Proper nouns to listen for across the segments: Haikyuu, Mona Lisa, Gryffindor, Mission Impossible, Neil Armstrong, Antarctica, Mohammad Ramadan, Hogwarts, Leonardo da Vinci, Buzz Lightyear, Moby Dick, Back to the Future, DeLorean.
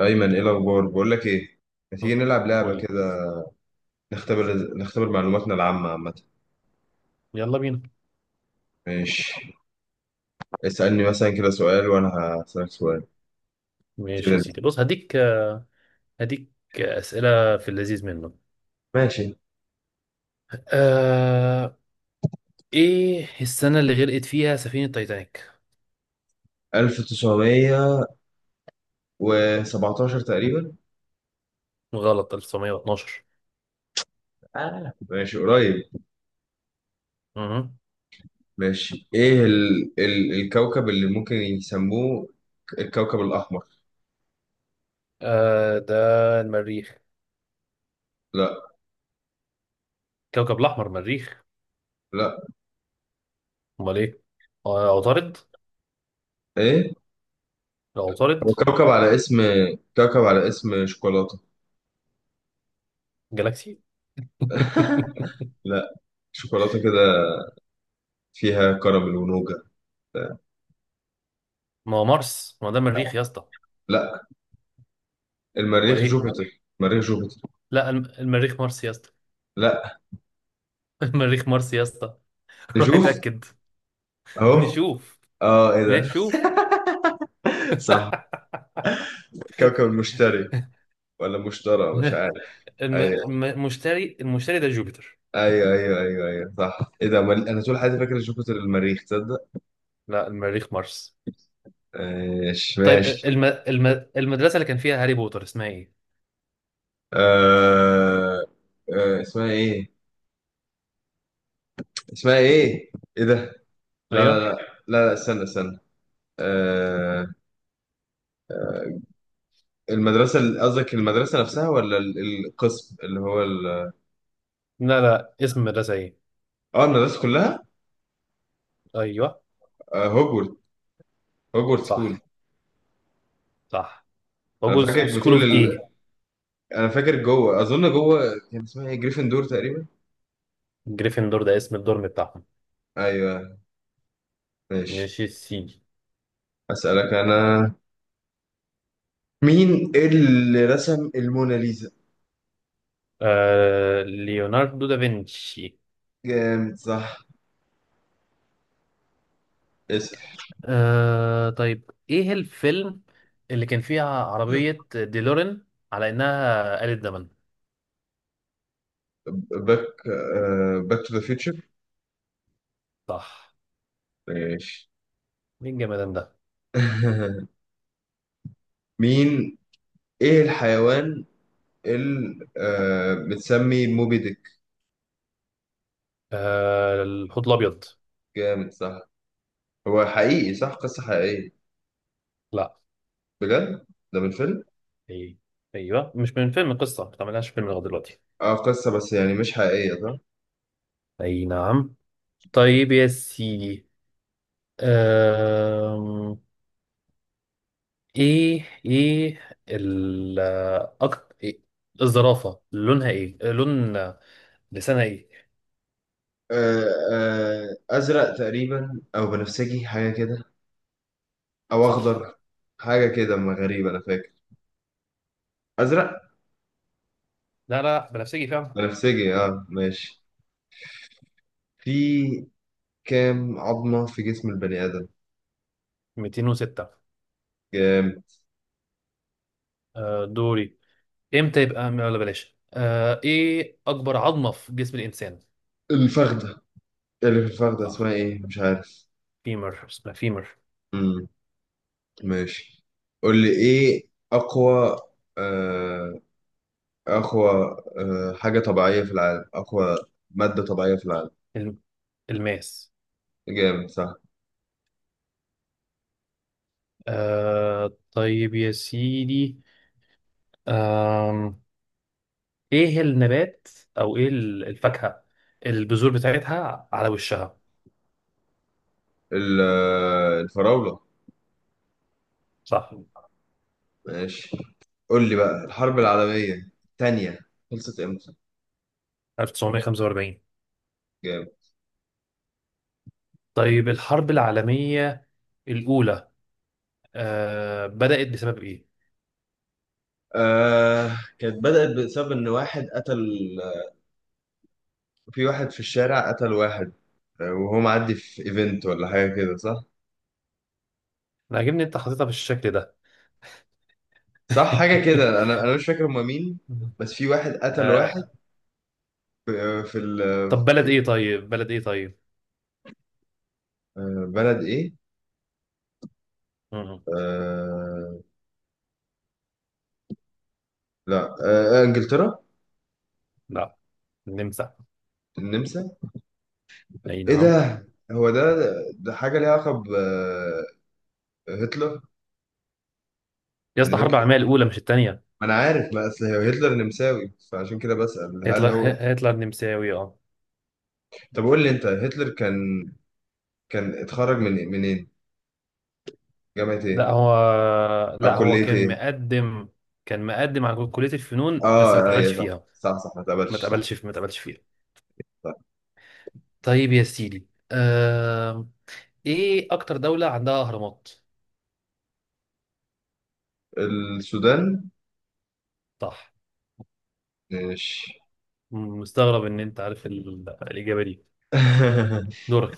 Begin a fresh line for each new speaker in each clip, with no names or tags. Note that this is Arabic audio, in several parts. أيمن إيه الأخبار؟ بقول لك إيه؟ ما تيجي نلعب لعبة
قول لي.
كده. نختبر معلوماتنا العامة عامة.
يلا بينا.
ماشي. اسألني مثلا كده سؤال، وأنا هسألك سؤال
ماشي يا
كده.
سيدي، بص هديك أسئلة في اللذيذ منه. آه... ايه السنة اللي غرقت فيها سفينة تايتانيك؟
1917 تقريبا.
غلط، 1912.
آه. ماشي قريب.
اها.
ماشي. إيه الكوكب اللي ممكن يسموه الكوكب الأحمر؟
آه، ده المريخ.
لا.
كوكب الأحمر مريخ.
لا.
امال ايه؟ عطارد.
إيه؟
لا، عطارد.
هو كوكب على اسم. كوكب على اسم شوكولاتة.
جالاكسي.
لا. شوكولاتة كده فيها كراميل ونوجا.
ما هو مارس، ما هو ده مريخ يا اسطى.
لا،
امال
المريخ
ايه؟
جوبيتر، مريخ جوبيتر.
لا، المريخ مارس يا اسطى.
لا.
المريخ مارس يا اسطى. روح
نشوف.
اتأكد.
اهو.
نشوف.
اه، ايه ده.
ماشي، شوف.
صح. كوكب المشتري، ولا مشترى مش عارف. ايوه
المشتري ده جوبيتر.
ايوه ايوه ايوه ايوه صح. ايه ده مال... انا طول حياتي فاكر جوبيتر المريخ، تصدق.
لا، المريخ مارس.
ماشي
طيب،
ماشي.
المدرسة اللي كان فيها هاري بوتر اسمها ايه؟
آه... اسمها ايه؟ اسمها ايه؟ ايه ده. لا لا
ايوه.
لا. لا, لا. استنى استنى. آه... المدرسة قصدك المدرسة نفسها، ولا القسم اللي هو
لا لا، اسم المدرسة ايه؟
اه، المدرسة كلها.
ايوه،
آه، هوجورت. هوجورت سكول.
صح صح.
انا
وجوز
فاكرك
سكول
بتقول.
اوف ايه؟
انا فاكر جوه، اظن جوه كان اسمها ايه، جريفندور تقريبا.
جريفندور ده اسم الدورم بتاعهم.
ايوه. ماشي.
ماشي يا سيدي.
اسالك انا. مين اللي رسم الموناليزا؟
ليوناردو دافنشي.
جامد، صح. اسال.
طيب، ايه الفيلم اللي كان فيها عربية ديلورين على انها آلة زمن؟
باك. باك تو ذا فيوتشر.
صح.
ماشي.
مين الجمدان ده؟
مين. ايه الحيوان اللي بتسمي موبي ديك؟
الحوت الابيض.
جامد، صح. هو حقيقي، صح؟ قصة حقيقية؟
لا.
بجد. ده من فيلم.
اي ايوه، مش من فيلم، قصه ما تعملهاش فيلم لغايه دلوقتي.
اه، قصة بس يعني مش حقيقية، صح.
اي نعم. طيب يا سيدي. أم... ايه ايه ال أك... إيه؟ الزرافه لون لسانها ايه؟
آه، ازرق تقريبا او بنفسجي، حاجه كده. او
صح.
اخضر. حاجه كده، ما غريبه، انا فاكر ازرق.
لا لا، بنفسجي فعلا.
بنفسجي، اه. ماشي. في كام عظمه في جسم البني ادم؟
206.
كام؟
أه، دوري. امتى يبقى، ولا بلاش. ايه اكبر عظمه في جسم الانسان؟
الفخده. اللي في الفخده
صح.
اسمها ايه مش عارف.
فيمر، اسمها فيمر.
امم. ماشي. قول لي ايه اقوى، آه، اقوى حاجه طبيعيه في العالم؟ اقوى ماده طبيعيه في العالم.
الم- الماس.
جامد، صح.
طيب يا سيدي، آه ايه النبات او ايه الفاكهة البذور بتاعتها على وشها؟
الفراوله.
صح.
ماشي. قول لي بقى، الحرب العالمية التانية خلصت امتى؟
1945.
جامد.
طيب، الحرب العالمية الأولى بدأت بسبب ايه؟
آه، كانت بدأت بسبب إن واحد قتل. في واحد في الشارع قتل واحد. وهو معدي في ايفنت ولا حاجة كده، صح؟
انا عاجبني انت حاططها بالشكل ده.
صح، حاجة كده. أنا مش فاكر هما مين. بس في واحد قتل واحد.
آه
في، في
طب بلد ايه طيب؟ بلد ايه طيب؟
بلد إيه؟
مم.
آه لا. إنجلترا.
لا، النمسا.
النمسا.
اي
إيه
نعم.
ده؟ هو ده. ده حاجة ليها علاقة بهتلر.
يا
يعني
اسطى، الحرب
هتلر.
العالمية الأولى مش الثانية.
ما انا عارف، ما اصل هو هتلر نمساوي، فعشان كده بسأل هل
هتلر
هو.
هتلر نمساوي، اه.
طب قول لي انت، هتلر كان اتخرج من إيه؟ منين؟ جامعة ايه
لا هو
او
لا هو
كلية
كان
ايه؟
مقدم كان مقدم على كلية الفنون بس ما
اه،
اتقبلش
ايوه، صح.
فيها.
صح صح، ما تقبلش، صح.
ما اتقبلش فيها.
صح.
طيب يا سيدي. ايه اكتر دولة عندها اهرامات؟
السودان.
صح.
ماشي.
مستغرب ان انت عارف الاجابة دي. دورك.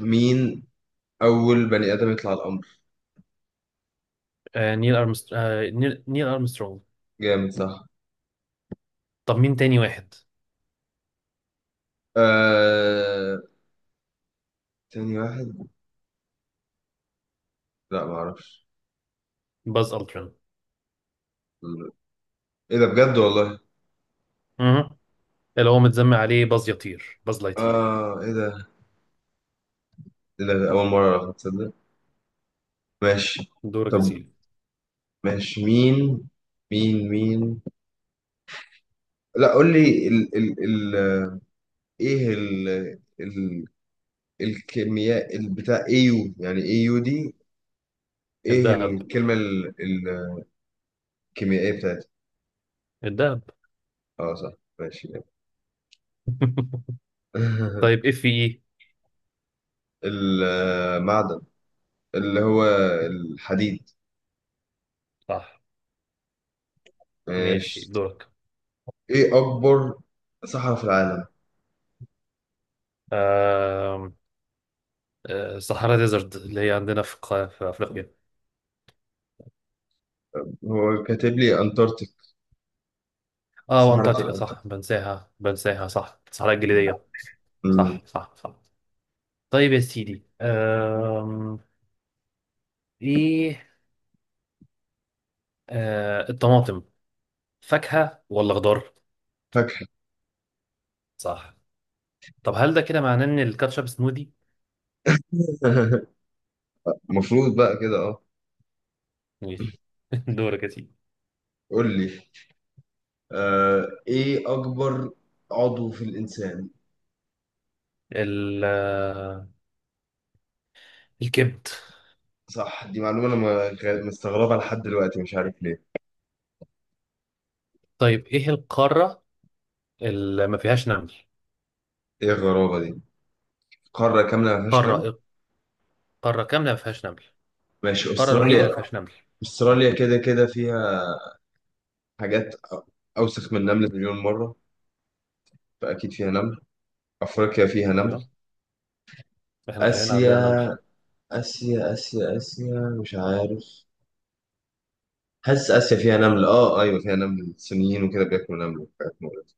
مين اول بني ادم يطلع القمر؟
آه... نيل أرمستر... آه... نيل... نيل ارمسترونج
جامد، صح.
طب مين تاني واحد؟
آه... تاني واحد. لا ما اعرفش.
باز التران.
ايه ده، بجد والله.
مهم. اللي هو متسمى عليه باز يطير، باز لايتير.
اه، ايه ده. ايه ده، اول مرة اعرف، تصدق. ماشي.
دورك يا
طب.
سيدي.
ماشي. مين. لا قول لي ال ال ال ايه ال ال الكيمياء البتاع اي يو، يعني اي يو دي. ايه
الدهب.
الكلمة الكيميائية بتاعتها؟
الدهب.
اه، صح. ماشي.
طيب، اف اي إيه؟
المعدن اللي هو الحديد.
صح. ماشي،
ماشي.
دورك.
ايه اكبر صحراء في العالم؟
آم، صحراء ديزرت اللي هي عندنا في في أفريقيا.
هو كاتب لي انتاركتيك.
اه،
صحراء
وأنتاركتيكا
الانتاركتيك.
صح، بنساها بنساها، صح، الصحراء الجليدية.
أمم،
صح صح صح. طيب يا سيدي. ايه، الطماطم فاكهة ولا خضار؟
فاكهة.
صح. طب هل ده كده معناه ان الكاتشب سموذي؟
المفروض بقى كده، اه.
ماشي. دورك يا سيدي.
قول لي، آه، ايه اكبر عضو في الانسان؟
ال- آه، الكبد.
صح. دي معلومة أنا مستغربها لحد دلوقتي، مش عارف ليه.
طيب، ايه القارة اللي ما فيهاش نمل؟
إيه الغرابة دي، قارة كاملة ما فيهاش نمل؟
قارة قارة كاملة ما فيهاش نمل.
ماشي.
القارة الوحيدة
أستراليا.
اللي ما فيهاش نمل.
أستراليا كده كده فيها حاجات أوسخ من النمل مليون مرة، فأكيد فيها نمل. أفريقيا فيها نمل.
ايوه، احنا في هنا
آسيا.
عندنا نمل.
آسيا مش عارف. حاسس آسيا فيها نمل، آه. أيوة فيها نمل، الصينيين وكده بياكلوا نمل وحاجات مقرفة.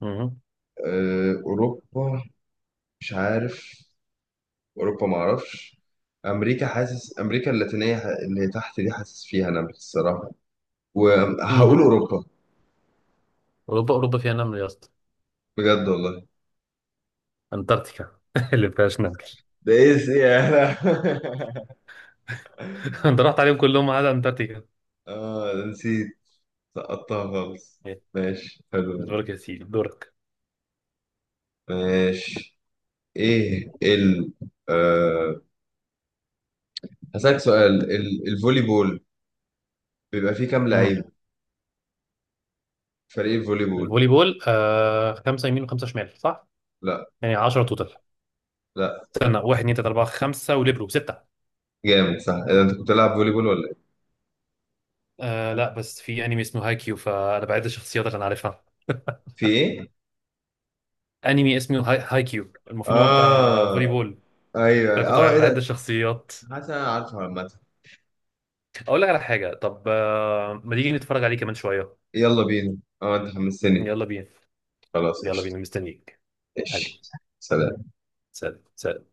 مهم.
أه، أوروبا، مش عارف. أوروبا معرفش. أمريكا. حاسس أمريكا اللاتينية، اللي تحت دي، حاسس فيها نمل الصراحة. وهقول
مهم.
اوروبا.
اوروبا فيها نمل يا اسطى.
بجد والله.
انتاركتيكا اللي فيهاش نمل.
ده ايه يا. لا.
انت رحت عليهم كلهم ما عدا انتاركتيكا.
اه، ده نسيت. سقطتها خالص.
إيه.
ماشي، حلو ده.
دورك يا سيدي، دورك.
ماشي. ايه ال. آه. هسألك سؤال. الفولي بول بيبقى فيه كام
مم.
لعيب؟ فريق الفولي بول.
الفولي بول خمسه يمين وخمسه شمال صح؟
لا.
يعني 10 توتال.
لا.
استنى، واحد اتنين تلاته اربعه خمسه وليبرو سته.
جامد، صح. اذا انت كنت بتلعب فولي بول ولا ايه؟
لا بس في انمي اسمه هايكيو، فانا بعد الشخصيات اللي انا عارفها.
في ايه.
انمي اسمه هايكيو، المفروض هو بتاع فولي
اه،
بول.
ايوه،
فانا كنت
اه. ايه
بعد
ده.
الشخصيات.
حاسس انا عارفه عامه.
اقول لك على حاجه، طب ما تيجي نتفرج عليه كمان شويه؟
يلا بينا، اه، انت حمستني.
يلا بينا.
خلاص،
يلا
قشطه.
بينا، مستنيك حبيبي.
ماشي. سلام.
سلام سلام.